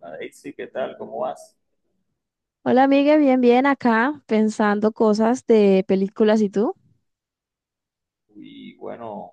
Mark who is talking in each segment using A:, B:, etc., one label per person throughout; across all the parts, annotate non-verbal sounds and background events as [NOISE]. A: Daisy, ¿qué tal? ¿Cómo vas?
B: Hola, amiga, bien, bien, acá pensando cosas de películas y tú.
A: Y bueno,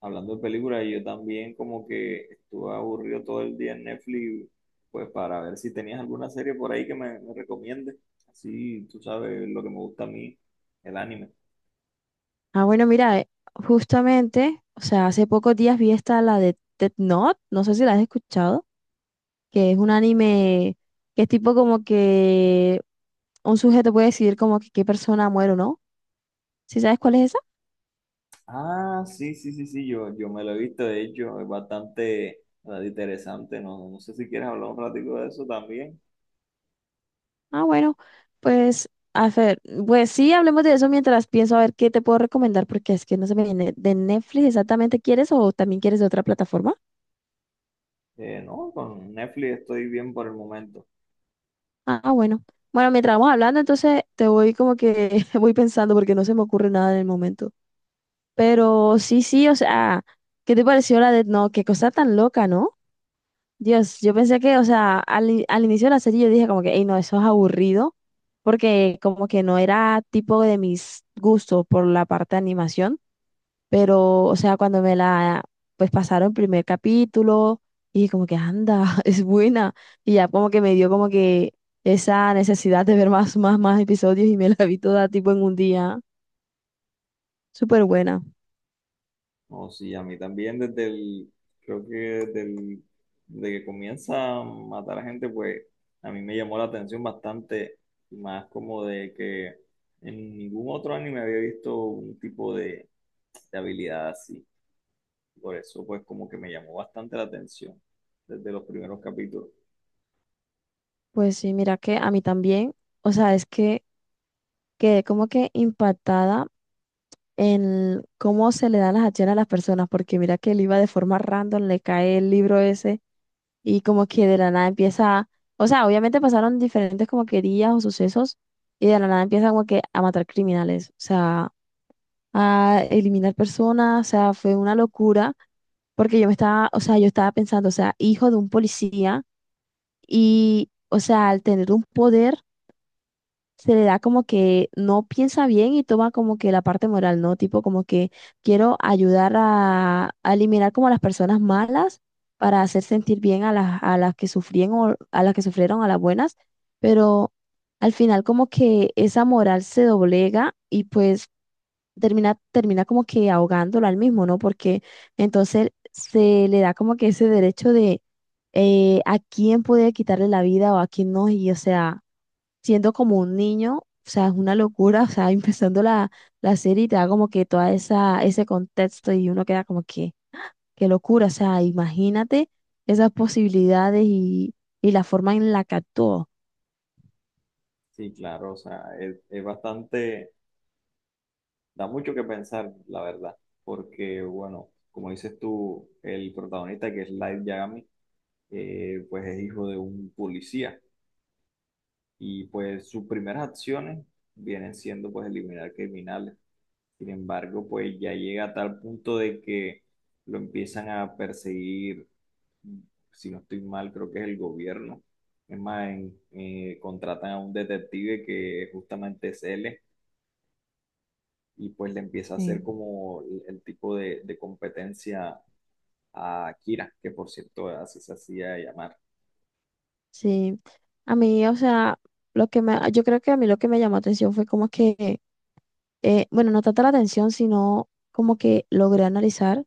A: hablando de películas, yo también como que estuve aburrido todo el día en Netflix, pues para ver si tenías alguna serie por ahí que me recomiendes. Así, tú sabes lo que me gusta a mí, el anime.
B: Ah, bueno, mira, justamente, o sea, hace pocos días vi esta, la de Death Note, no sé si la has escuchado, que es un anime que es tipo como que un sujeto puede decidir como que qué persona muere o no. ¿Sí sabes cuál es esa?
A: Ah, sí, sí, sí, sí, yo me lo he visto, de hecho, es bastante interesante, no, no sé si quieres hablar un ratito de eso también.
B: Ah, bueno, pues, a ver, pues sí, hablemos de eso mientras pienso a ver qué te puedo recomendar, porque es que no se me viene de Netflix exactamente quieres o también quieres de otra plataforma.
A: No, con Netflix estoy bien por el momento.
B: Ah, bueno. Bueno, mientras vamos hablando, entonces te voy como que [LAUGHS] voy pensando porque no se me ocurre nada en el momento. Pero sí, sí, o sea, ¿qué te pareció la de no? Qué cosa tan loca, ¿no? Dios, yo pensé que, o sea, al inicio de la serie yo dije como que, hey, no, eso es aburrido, porque como que no era tipo de mis gustos por la parte de animación. Pero, o sea, cuando me la, pues pasaron el primer capítulo y como que anda, [LAUGHS] es buena. Y ya como que me dio como que esa necesidad de ver más, más, más episodios y me la vi toda tipo en un día. Súper buena.
A: No, sí, a mí también creo que desde que comienza a matar a gente, pues a mí me llamó la atención bastante, y más como de que en ningún otro anime había visto un tipo de habilidad así. Por eso, pues como que me llamó bastante la atención desde los primeros capítulos.
B: Pues sí, mira que a mí también, o sea, es que quedé como que impactada en cómo se le dan las acciones a las personas, porque mira que él iba de forma random, le cae el libro ese y como que de la nada empieza, o sea, obviamente pasaron diferentes como querías o sucesos y de la nada empieza como que a matar criminales, o sea, a eliminar personas, o sea, fue una locura porque yo me estaba, o sea, yo estaba pensando, o sea, hijo de un policía y, o sea, al tener un poder se le da como que no piensa bien y toma como que la parte moral, ¿no? Tipo como que quiero ayudar a eliminar como a las personas malas para hacer sentir bien a las que sufrían o a las que sufrieron a las buenas, pero al final como que esa moral se doblega y pues termina como que ahogándolo al mismo, ¿no? Porque entonces se le da como que ese derecho de a quién puede quitarle la vida o a quién no, y o sea siendo como un niño, o sea, es una locura, o sea, [LAUGHS] empezando la, la serie y te da como que toda esa, ese contexto y uno queda como que, qué locura, o sea, imagínate esas posibilidades y la forma en la que actuó.
A: Sí, claro, o sea, es bastante, da mucho que pensar, la verdad, porque bueno, como dices tú, el protagonista que es Light Yagami. Pues es hijo de un policía y pues sus primeras acciones vienen siendo pues eliminar criminales. Sin embargo, pues ya llega a tal punto de que lo empiezan a perseguir, si no estoy mal, creo que es el gobierno. Es más, contratan a un detective que justamente es él y pues le empieza a hacer
B: Sí.
A: como el tipo de competencia a Kira, que por cierto así se hacía llamar.
B: Sí, a mí, o sea, lo que me, yo creo que a mí lo que me llamó atención fue como que, bueno, no tanto la atención, sino como que logré analizar.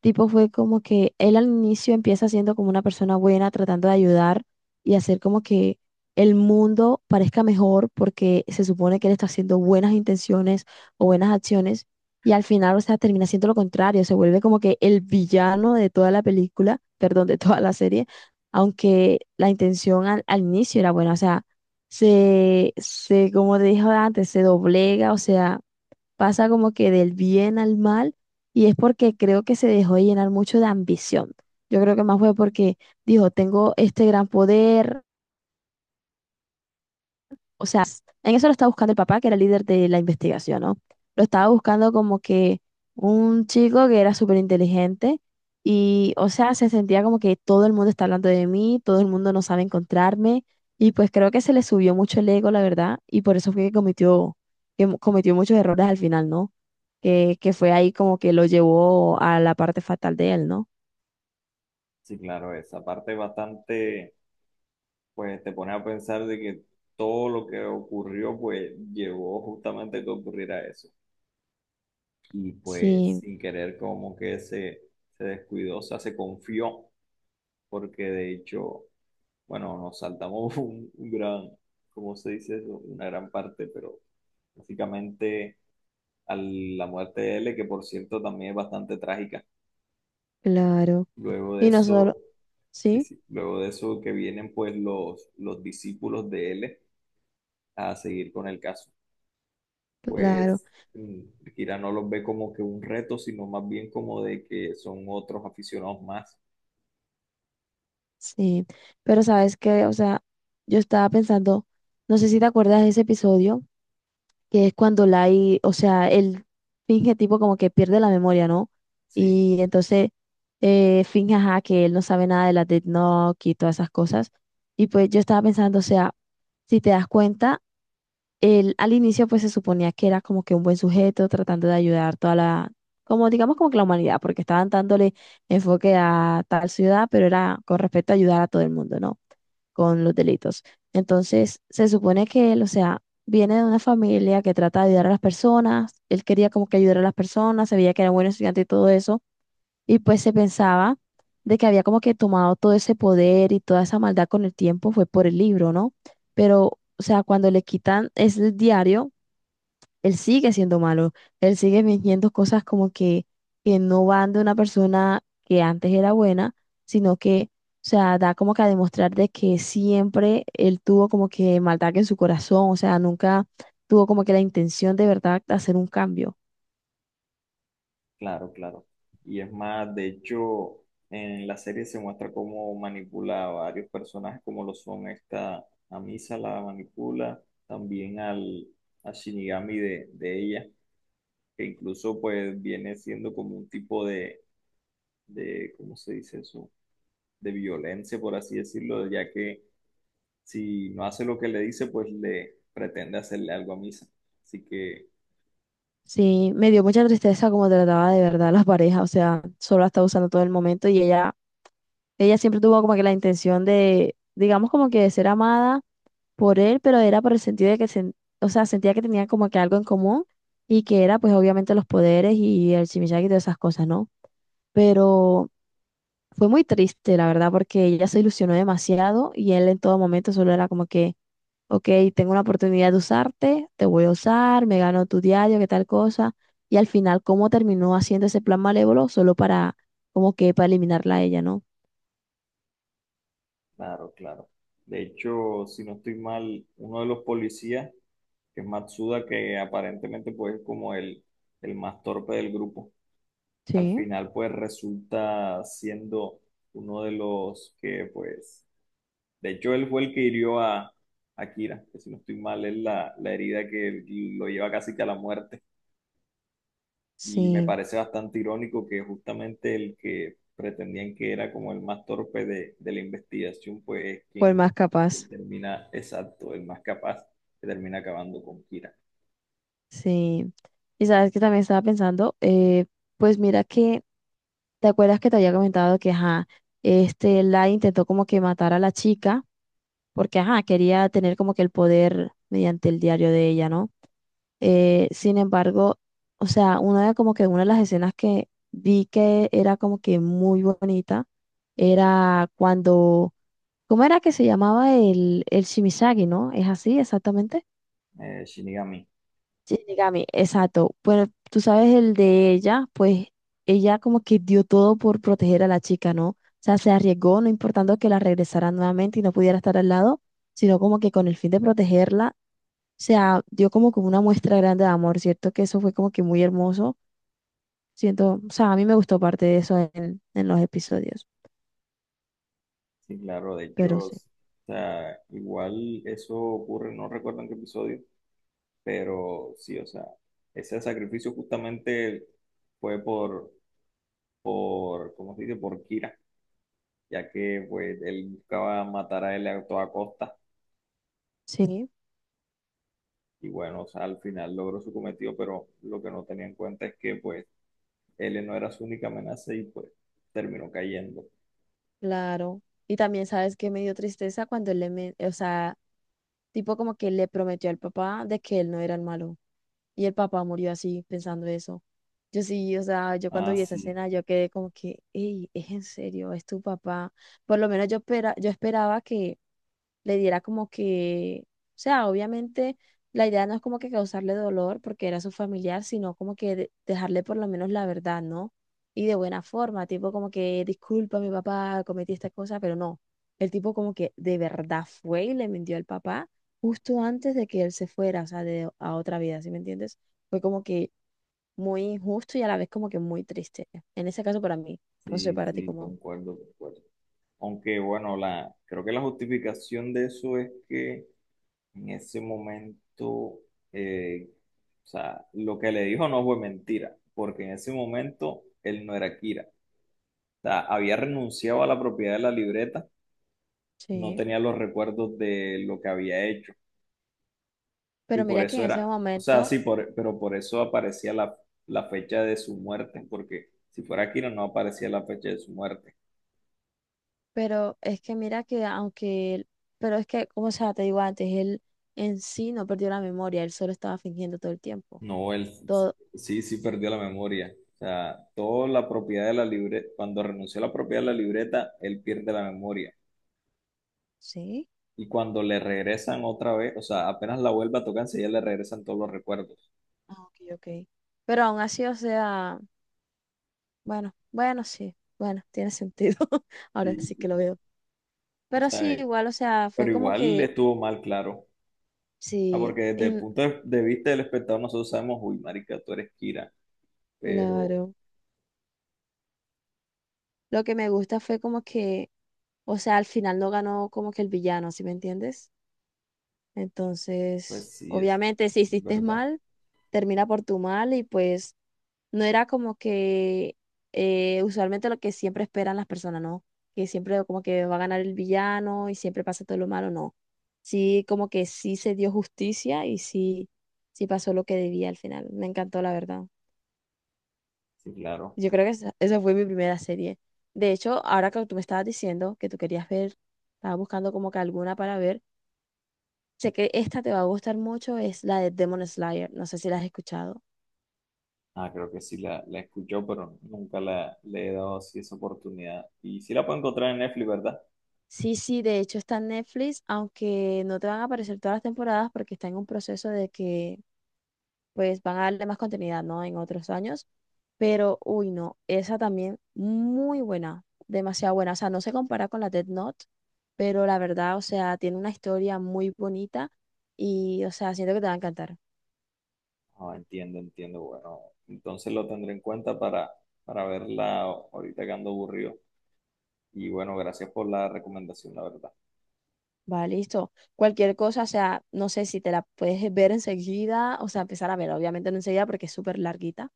B: Tipo fue como que él al inicio empieza siendo como una persona buena, tratando de ayudar y hacer como que el mundo parezca mejor porque se supone que él está haciendo buenas intenciones o buenas acciones y al final, o sea, termina siendo lo contrario, se vuelve como que el villano de toda la película, [LAUGHS] perdón, de toda la serie, aunque la intención al inicio era buena, o sea, se, como te dije antes, se doblega, o sea pasa como que del bien al mal y es porque creo que se dejó de llenar mucho de ambición. Yo creo que más fue porque dijo, tengo este gran poder, o sea, en eso lo estaba buscando el papá, que era el líder de la investigación, ¿no? Lo estaba buscando como que un chico que era súper inteligente y, o sea, se sentía como que todo el mundo está hablando de mí, todo el mundo no sabe encontrarme y pues creo que se le subió mucho el ego, la verdad, y por eso fue que cometió, cometió muchos errores al final, ¿no? Que fue ahí como que lo llevó a la parte fatal de él, ¿no?
A: Sí, claro, esa parte es bastante, pues te pones a pensar de que todo lo que ocurrió, pues llevó justamente a que ocurriera eso. Y pues
B: Sí,
A: sin querer como que se descuidó, o sea, se confió, porque de hecho, bueno, nos saltamos [LAUGHS] un gran, ¿cómo se dice eso? Una gran parte, pero básicamente a la muerte de L, que por cierto también es bastante trágica.
B: claro.
A: Luego de
B: Y no
A: eso...
B: solo,
A: Sí,
B: sí,
A: sí. Luego de eso que vienen pues los discípulos de él a seguir con el caso.
B: claro.
A: Pues mm, Kira no los ve como que un reto, sino más bien como de que son otros aficionados más.
B: Sí, pero sabes que, o sea, yo estaba pensando, no sé si te acuerdas de ese episodio, que es cuando Lai, o sea, él finge tipo como que pierde la memoria, ¿no?
A: Sí,
B: Y entonces finge, ajá, que él no sabe nada de la Death Note y todas esas cosas. Y pues yo estaba pensando, o sea, si te das cuenta, él al inicio pues se suponía que era como que un buen sujeto tratando de ayudar toda la, como digamos como que la humanidad, porque estaban dándole enfoque a tal ciudad, pero era con respecto a ayudar a todo el mundo, ¿no? con los delitos. Entonces, se supone que él, o sea, viene de una familia que trata de ayudar a las personas, él quería como que ayudar a las personas, sabía que era buen estudiante y todo eso, y pues se pensaba de que había como que tomado todo ese poder y toda esa maldad con el tiempo fue por el libro, ¿no? Pero, o sea, cuando le quitan ese diario, él sigue siendo malo, él sigue fingiendo cosas como que no van de una persona que antes era buena, sino que, o sea, da como que a demostrar de que siempre él tuvo como que maldad en su corazón, o sea, nunca tuvo como que la intención de verdad de hacer un cambio.
A: claro, claro. Y es más, de hecho, en la serie se muestra cómo manipula a varios personajes, como lo son esta, a Misa la manipula, también a Shinigami de ella, que incluso pues viene siendo como un tipo de, ¿cómo se dice eso? De violencia, por así decirlo, ya que si no hace lo que le dice, pues le pretende hacerle algo a Misa. Así que,
B: Sí, me dio mucha tristeza como trataba de verdad a la pareja, o sea, solo la estaba usando todo el momento y ella siempre tuvo como que la intención de, digamos como que de ser amada por él, pero era por el sentido de que, o sea, sentía que tenía como que algo en común y que era pues obviamente los poderes y el chimichanga y todas esas cosas, ¿no? Pero fue muy triste, la verdad, porque ella se ilusionó demasiado y él en todo momento solo era como que, ok, tengo una oportunidad de usarte, te voy a usar, me gano tu diario, qué tal cosa. Y al final, ¿cómo terminó haciendo ese plan malévolo? Solo para, como que para eliminarla a ella, ¿no?
A: claro, claro. De hecho, si no estoy mal, uno de los policías, que es Matsuda, que aparentemente pues es como el más torpe del grupo, al
B: Sí,
A: final pues resulta siendo uno de los que pues, de hecho él fue el que hirió a Kira, que si no estoy mal es la herida que lo lleva casi que a la muerte. Y me
B: sí,
A: parece bastante irónico que justamente el que pretendían que era como el más torpe de la investigación, pues es
B: fue el
A: quien
B: más capaz.
A: quien termina, exacto, el más capaz, que termina acabando con Kira.
B: Sí, y sabes que también estaba pensando, pues mira que, ¿te acuerdas que te había comentado que, ajá, este, la intentó como que matar a la chica, porque, ajá, quería tener como que el poder mediante el diario de ella, ¿no? Sin embargo, o sea, una de como que una de las escenas que vi que era como que muy bonita, era cuando, ¿cómo era que se llamaba el Shimizagi, ¿no? ¿Es así exactamente?
A: Shinigami.
B: Shinigami, exacto. Bueno, tú sabes el de ella, pues ella como que dio todo por proteger a la chica, ¿no? O sea, se arriesgó, no importando que la regresaran nuevamente y no pudiera estar al lado, sino como que con el fin de protegerla, o sea, dio como que una muestra grande de amor, ¿cierto? Que eso fue como que muy hermoso. Siento, o sea, a mí me gustó parte de eso en los episodios,
A: Sí, claro, de
B: pero
A: hecho, o
B: sí.
A: sea, igual eso ocurre, no recuerdo en qué episodio, pero sí, o sea, ese sacrificio justamente fue por, ¿cómo se dice? Por Kira, ya que pues él buscaba matar a él a toda costa
B: Sí,
A: y bueno, o sea, al final logró su cometido, pero lo que no tenía en cuenta es que pues él no era su única amenaza y pues terminó cayendo.
B: claro. Y también sabes que me dio tristeza cuando él le, o sea, tipo como que le prometió al papá de que él no era el malo. Y el papá murió así, pensando eso. Yo sí, o sea, yo cuando
A: Ah,
B: vi esa
A: sí,
B: escena, yo quedé como que, hey, es en serio, es tu papá. Por lo menos yo, espera, yo esperaba que, le diera como que, o sea, obviamente la idea no es como que causarle dolor porque era su familiar, sino como que dejarle por lo menos la verdad, ¿no? Y de buena forma, tipo como que, disculpa, mi papá, cometí esta cosa, pero no. El tipo como que de verdad fue y le mintió al papá justo antes de que él se fuera, o sea, de, a otra vida, ¿sí me entiendes? Fue como que muy injusto y a la vez como que muy triste. En ese caso para mí, no sé
A: sí,
B: para ti
A: sí,
B: cómo.
A: concuerdo, concuerdo. Aunque bueno, la, creo que la justificación de eso es que en ese momento, eh, o sea, lo que le dijo no fue mentira, porque en ese momento él no era Kira. O sea, había renunciado a la propiedad de la libreta, no
B: Sí.
A: tenía los recuerdos de lo que había hecho. Y
B: Pero
A: por
B: mira que
A: eso
B: en ese
A: era, o sea,
B: momento,
A: sí, por, pero por eso aparecía la fecha de su muerte, porque si fuera Aquino no aparecía la fecha de su muerte.
B: pero es que mira que aunque él, pero es que, como sea, te digo antes, él en sí no perdió la memoria, él solo estaba fingiendo todo el tiempo.
A: No, él
B: Todo,
A: sí, sí perdió la memoria. O sea, toda la propiedad de la libreta, cuando renunció a la propiedad de la libreta, él pierde la memoria.
B: ¿sí?
A: Y cuando le regresan otra vez, o sea, apenas la vuelva a tocarse, ya le regresan todos los recuerdos.
B: Ah, ok, ok. Pero aún así, o sea, bueno, bueno, sí, bueno, tiene sentido. [LAUGHS] Ahora
A: Sí,
B: sí que lo
A: sí.
B: veo.
A: O
B: Pero
A: sea,
B: sí, igual, o sea, fue
A: pero
B: como
A: igual
B: que,
A: estuvo mal, claro. Ah,
B: sí,
A: porque desde el
B: y-
A: punto de vista del espectador, nosotros sabemos, uy, marica, tú eres Kira, pero
B: claro. Lo que me gusta fue como que, o sea, al final no ganó como que el villano, ¿sí me entiendes?
A: pues
B: Entonces,
A: sí, es
B: obviamente, si hiciste
A: verdad.
B: mal, termina por tu mal y pues no era como que usualmente lo que siempre esperan las personas, ¿no? Que siempre como que va a ganar el villano y siempre pasa todo lo malo, no. Sí, como que sí se dio justicia y sí, sí pasó lo que debía al final. Me encantó, la verdad.
A: Sí, claro.
B: Yo creo que esa fue mi primera serie. De hecho, ahora que tú me estabas diciendo que tú querías ver, estaba buscando como que alguna para ver. Sé que esta te va a gustar mucho, es la de Demon Slayer. No sé si la has escuchado.
A: Ah, creo que sí la escuchó, pero nunca le he dado así esa oportunidad. ¿Y sí la puedo encontrar en Netflix, verdad?
B: Sí, sí, de hecho está en Netflix, aunque no te van a aparecer todas las temporadas porque está en un proceso de que pues van a darle más continuidad, ¿no? En otros años. Pero, uy, no, esa también muy buena, demasiado buena. O sea, no se compara con la Death Note, pero la verdad, o sea, tiene una historia muy bonita y, o sea, siento que te va a encantar.
A: Ah, entiendo, entiendo. Bueno, entonces lo tendré en cuenta para verla ahorita que ando aburrido. Y bueno, gracias por la recomendación, la verdad.
B: Va, listo. Cualquier cosa, o sea, no sé si te la puedes ver enseguida, o sea, empezar a verla, obviamente no enseguida porque es súper larguita,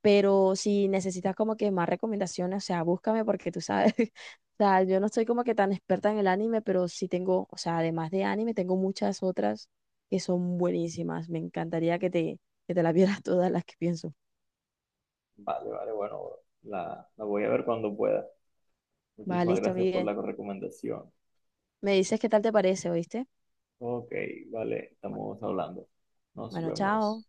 B: pero si necesitas como que más recomendaciones, o sea, búscame porque tú sabes, [LAUGHS] o sea, yo no soy como que tan experta en el anime, pero sí tengo, o sea, además de anime, tengo muchas otras que son buenísimas. Me encantaría que te las [LAUGHS] vieras todas las que pienso.
A: Vale, vale, bueno, la voy a ver cuando pueda.
B: Va,
A: Muchísimas
B: listo,
A: gracias por
B: Miguel.
A: la recomendación.
B: Me dices qué tal te parece, ¿oíste?
A: Ok, vale,
B: Bu-
A: estamos hablando. Nos
B: Bueno, chao.
A: vemos.